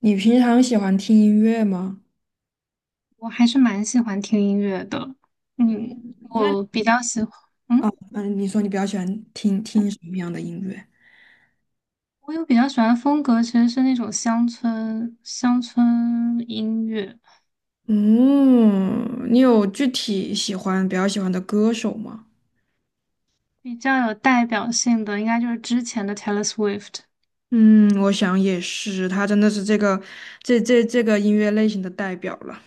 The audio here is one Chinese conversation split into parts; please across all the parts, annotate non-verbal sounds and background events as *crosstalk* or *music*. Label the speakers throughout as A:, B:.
A: 你平常喜欢听音乐吗？
B: 我还是蛮喜欢听音乐的。
A: 嗯，那
B: 我比较喜欢，
A: 啊，
B: 嗯，
A: 嗯，你说你比较喜欢听听什么样的音乐？
B: 我有比较喜欢的风格，其实是那种乡村音乐，
A: 嗯，你有具体喜欢比较喜欢的歌手吗？
B: 比较有代表性的，应该就是之前的 Taylor Swift。
A: 嗯，我想也是，他真的是这个这个音乐类型的代表了。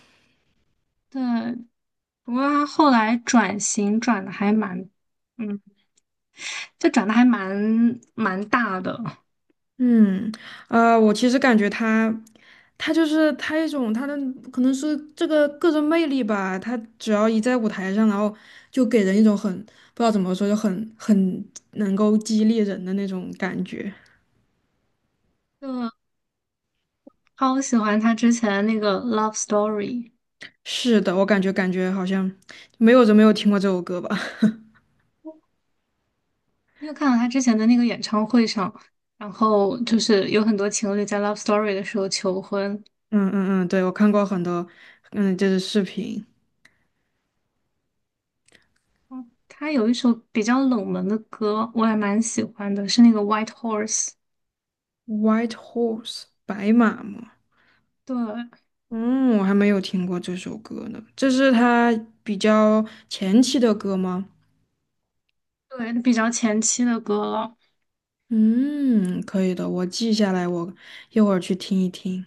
B: 对，不过他后来嗯，转的还蛮大的。
A: 嗯，我其实感觉他，他就是他一种他的可能是这个个人魅力吧。他只要一在舞台上，然后就给人一种很不知道怎么说，就很能够激励人的那种感觉。
B: 就超喜欢他之前那个《Love Story》。
A: 是的，我感觉好像没有人没有听过这首歌吧。*laughs*
B: 你有看到他之前的那个演唱会上，然后就是有很多情侣在《Love Story》的时候求婚。
A: 嗯嗯嗯，对，我看过很多，嗯，就是视频
B: 嗯，他有一首比较冷门的歌，我还蛮喜欢的，是那个《White Horse》。
A: ，White Horse 白马嘛。
B: 对，
A: 嗯，我还没有听过这首歌呢。这是他比较前期的歌吗？
B: 对，比较前期的歌了。
A: 嗯，可以的，我记下来，我一会儿去听一听。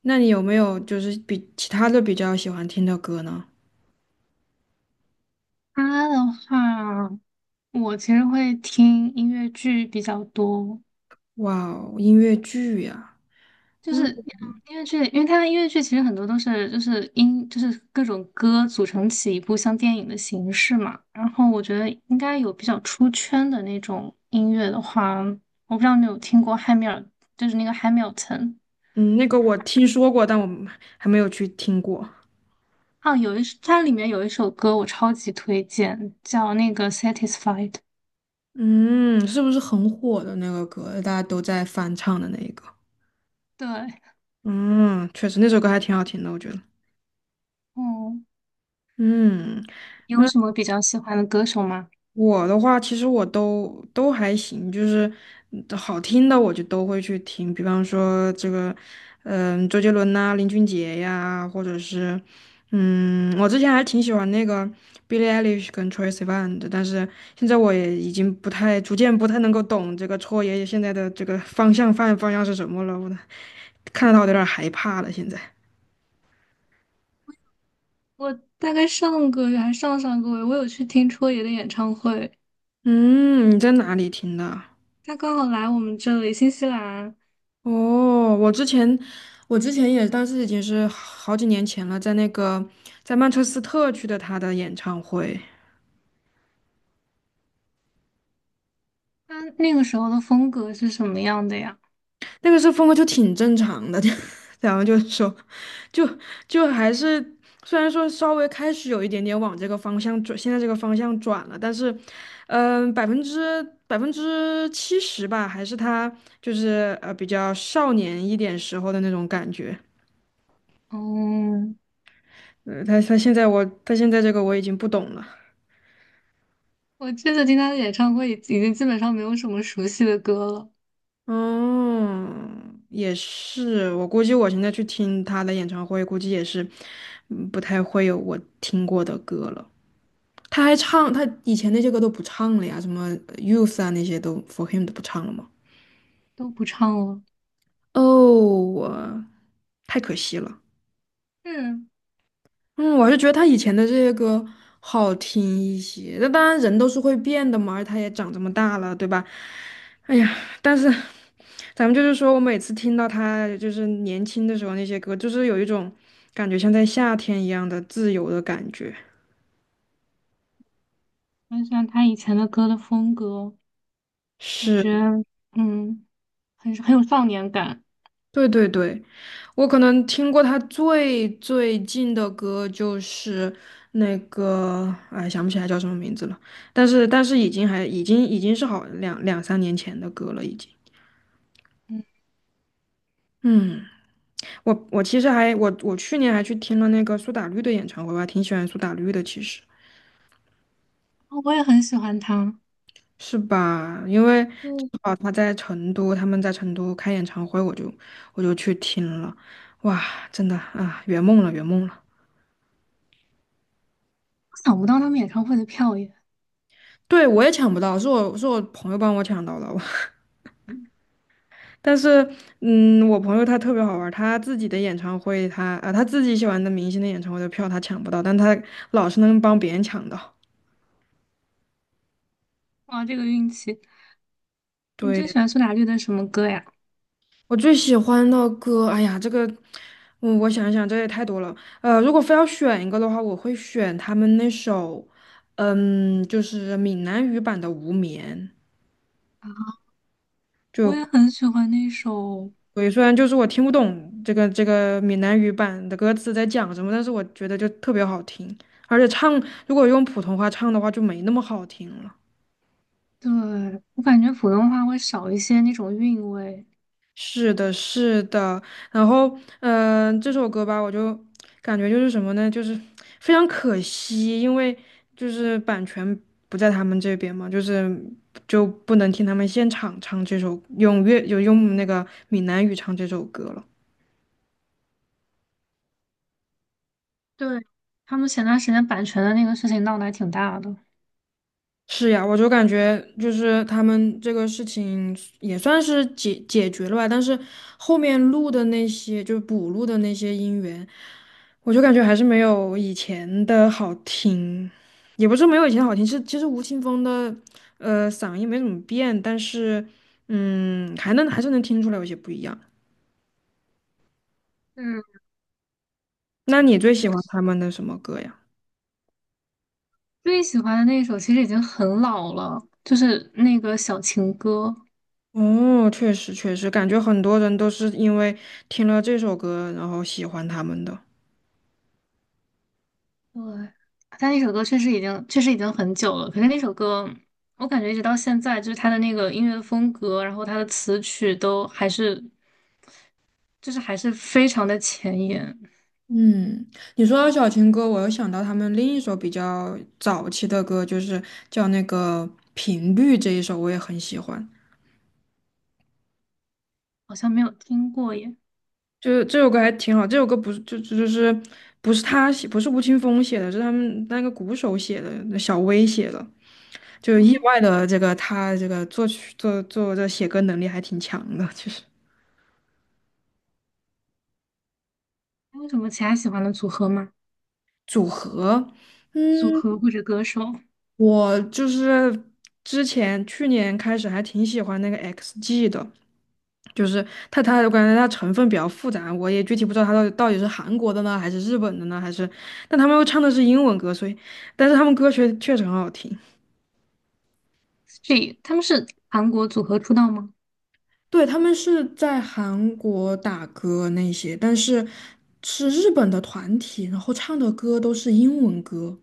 A: 那你有没有就是比其他的比较喜欢听的歌呢？
B: 他的话，我其实会听音乐剧比较多，
A: 哇哦，音乐剧呀，
B: 就是音乐剧，因为它的音乐剧其实很多都是就是音就是各种歌组成起一部像电影的形式嘛。然后我觉得应该有比较出圈的那种音乐的话，我不知道你有听过汉密尔，就是那个 Hamilton
A: 嗯，那个我听说过，但我还没有去听过。
B: 啊，哦有一首它里面有一首歌我超级推荐，叫那个 Satisfied。
A: 嗯，是不是很火的那个歌，大家都在翻唱的那一个？
B: 对。
A: 嗯，确实那首歌还挺好听的，我觉得。
B: 嗯，
A: 嗯。
B: 你有什
A: 嗯
B: 么比较喜欢的歌手吗？
A: 我的话，其实我都还行，就是好听的我就都会去听，比方说这个，嗯，周杰伦呐、林俊杰呀，或者是，嗯，我之前还挺喜欢那个 Billie Eilish 跟 Troye Sivan 的，但是现在我也已经不太，逐渐不太能够懂这个戳爷爷现在的这个方向是什么了，我 *laughs* 的看到他我都有点害怕了。现在，
B: 我大概上个月，我有去听戳爷的演唱会，
A: 嗯，你在哪里听的？
B: 他刚好来我们这里，新西兰，
A: 哦，我之前也，当时已经是好几年前了，在那个在曼彻斯特去的他的演唱会，
B: 他那个时候的风格是什么样的呀？
A: 那个时候风格就挺正常的，*laughs* 就然后就说，就就还是虽然说稍微开始有一点点往这个方向转，现在这个方向转了，但是，嗯、百分之七十吧，还是他就是比较少年一点时候的那种感觉，
B: 哦，
A: 他现在我他现在这个我已经不懂了。
B: 我这次听他的演唱会已经基本上没有什么熟悉的歌了，
A: 哦，也是，我估计我现在去听他的演唱会，估计也是，不太会有我听过的歌了。他还唱，他以前那些歌都不唱了呀，什么Youth 啊那些都 For Him 都不唱了吗？
B: 都不唱了。
A: 哦，我太可惜了。
B: 是，
A: 嗯，我还是觉得他以前的这些歌好听一些。那当然，人都是会变的嘛，而他也长这么大了，对吧？哎呀，但是咱们就是说，我每次听到他就是年轻的时候那些歌，就是有一种感觉像在夏天一样的自由的感觉。
B: 很喜欢他以前的歌的风格，感
A: 是，
B: 觉嗯，很很有少年感。
A: 对对对，我可能听过他最近的歌就是那个，哎，想不起来叫什么名字了，但是已经还已经已经是好两三年前的歌了，已经。
B: 嗯。
A: 嗯，我其实还我去年还去听了那个苏打绿的演唱会，我还挺喜欢苏打绿的，其实
B: 哦我也很喜欢他，
A: 是吧？因为
B: 就
A: 正
B: 我
A: 好他在成都，他们在成都开演唱会，我就去听了，哇，真的啊，圆梦了，圆梦了。
B: 想不到他们演唱会的票也，
A: 对，我也抢不到，是我朋友帮我抢到了，我
B: 嗯，
A: *laughs* 但是我朋友他特别好玩儿他自己的演唱会他自己喜欢的明星的演唱会的票他抢不到，但他老是能帮别人抢到。
B: 哇，这个运气！你最
A: 对。
B: 喜欢苏打绿的什么歌呀？
A: 我最喜欢的歌，哎呀，这个，我想一想，这也太多了。如果非要选一个的话，我会选他们那首，嗯，就是闽南语版的《无眠》。
B: 我
A: 就，
B: 也很喜欢那首。
A: 对，虽然就是我听不懂这个闽南语版的歌词在讲什么，但是我觉得就特别好听，而且唱如果用普通话唱的话就没那么好听了。
B: 对，我感觉普通话会少一些那种韵味。
A: 是的，是的，然后，嗯、这首歌吧，我就感觉就是什么呢，就是非常可惜，因为就是版权不在他们这边嘛，就是就不能听他们现场唱这首，用粤就用那个闽南语唱这首歌了。
B: 对，他们前段时间版权的那个事情闹得还挺大的。
A: 是呀，我就感觉就是他们这个事情也算是决了吧，但是后面录的那些就是补录的那些音源，我就感觉还是没有以前的好听，也不是没有以前好听，是其实吴青峰的嗓音没怎么变，但是还是能听出来有些不一样。
B: 嗯，
A: 那你最
B: 其
A: 喜欢
B: 实
A: 他们的什么歌呀？
B: 最喜欢的那一首其实已经很老了，就是那个《小情歌》。
A: 哦，确实确实，感觉很多人都是因为听了这首歌，然后喜欢他们的。
B: 对，但那首歌确实已经很久了。可是那首歌，我感觉一直到现在，就是它的那个音乐风格，然后它的词曲都还是就是还是非常的前沿，
A: 嗯，你说到小情歌，我又想到他们另一首比较早期的歌，就是叫那个《频率》这一首，我也很喜欢。
B: 好像没有听过耶。
A: 就是这首歌还挺好，这首歌不是就是不是他写，不是吴青峰写的，是他们那个鼓手写的，那小威写的。就意
B: 哦，
A: 外的这个他这个作曲这写歌能力还挺强的，其实。
B: 还有什么其他喜欢的组合吗？组合
A: 嗯。
B: 或者歌手，
A: 我就是之前去年开始还挺喜欢那个 XG 的，就是它我感觉它成分比较复杂，我也具体不知道它到底是韩国的呢，还是日本的呢，还是，但他们又唱的是英文歌，所以，但是他们歌曲确实很好听。
B: 这他们是韩国组合出道吗？
A: 对，他们是在韩国打歌那些，但是是日本的团体，然后唱的歌都是英文歌。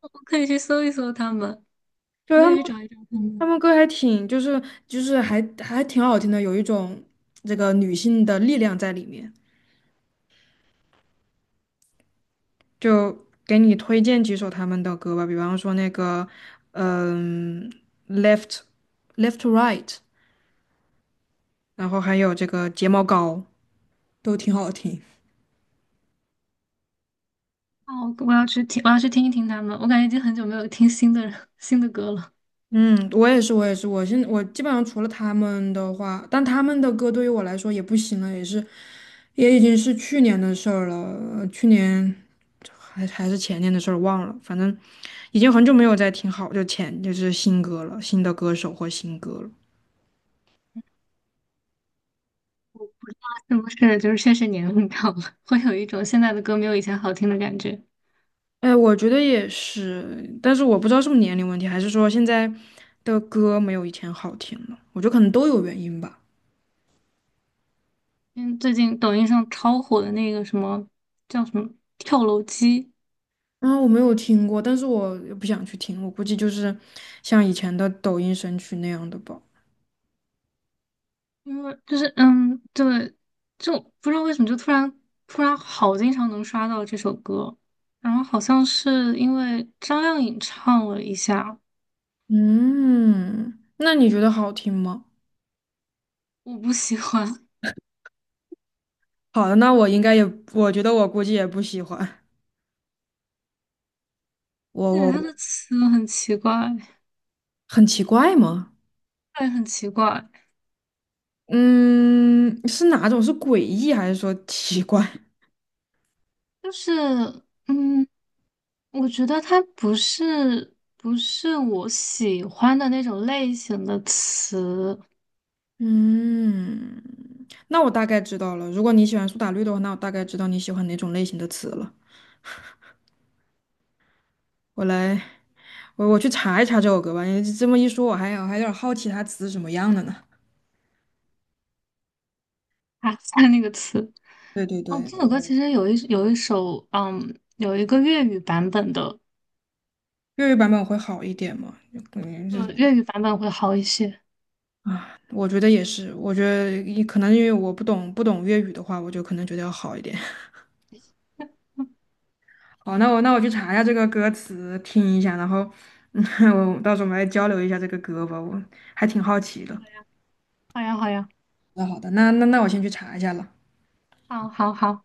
B: 我可以去搜一搜他们，
A: 就
B: 我可
A: 他
B: 以
A: 们。
B: 去找一找他
A: 他
B: 们。
A: 们歌还挺，就是还挺好听的，有一种这个女性的力量在里面。就给你推荐几首他们的歌吧，比方说那个，嗯，Left Left to Right，然后还有这个睫毛膏，都挺好听。
B: 哦，我要去听，我要去听一听他们。我感觉已经很久没有听新的歌了，
A: 嗯，我也是，我也是，我基本上除了他们的话，但他们的歌对于我来说也不行了，也是，也已经是去年的事儿了，去年是前年的事儿忘了，反正已经很久没有再听好，就是新歌了，新的歌手或新歌了。
B: 是不是？就是确实年龄到了，会有一种现在的歌没有以前好听的感觉。
A: 哎，我觉得也是，但是我不知道是不是年龄问题，还是说现在的歌没有以前好听了，我觉得可能都有原因吧。
B: 因为最近抖音上超火的那个什么叫什么跳楼机，
A: 啊，我没有听过，但是我也不想去听，我估计就是像以前的抖音神曲那样的吧。
B: 因为就是嗯，对，就不知道为什么就突然好经常能刷到这首歌，然后好像是因为张靓颖唱了一下，
A: 嗯，那你觉得好听吗？
B: 我不喜欢，
A: 好的，那我应该也，我觉得我估计也不喜欢。
B: *laughs*
A: 我
B: 对，她
A: 我
B: 的词很奇怪，
A: 很奇怪吗？
B: 对，很奇怪，
A: 嗯，是哪种？是诡异还是说奇怪？
B: 就是嗯，我觉得它不是我喜欢的那种类型的词
A: 嗯，那我大概知道了。如果你喜欢苏打绿的话，那我大概知道你喜欢哪种类型的词了。我来，我去查一查这首歌吧。你这么一说，我还有点好奇它词是什么样的呢。
B: 啊，*laughs* 那个词。
A: 对对
B: 哦，
A: 对，
B: 这首歌其实有一首，嗯，有一个粤语版本的，
A: 粤语版本会好一点嘛？就感觉
B: 就
A: 就
B: 粤语版本会好一些。
A: 啊，我觉得也是，我觉得也可能因为我不懂粤语的话，我就可能觉得要好一点。*laughs* 好，那我去查一下这个歌词，听一下，然后嗯，*laughs* 我到时候我们来交流一下这个歌吧，我还挺好奇的。
B: 好呀，好呀，
A: 那好的，那我先去查一下了。
B: 好，好，好。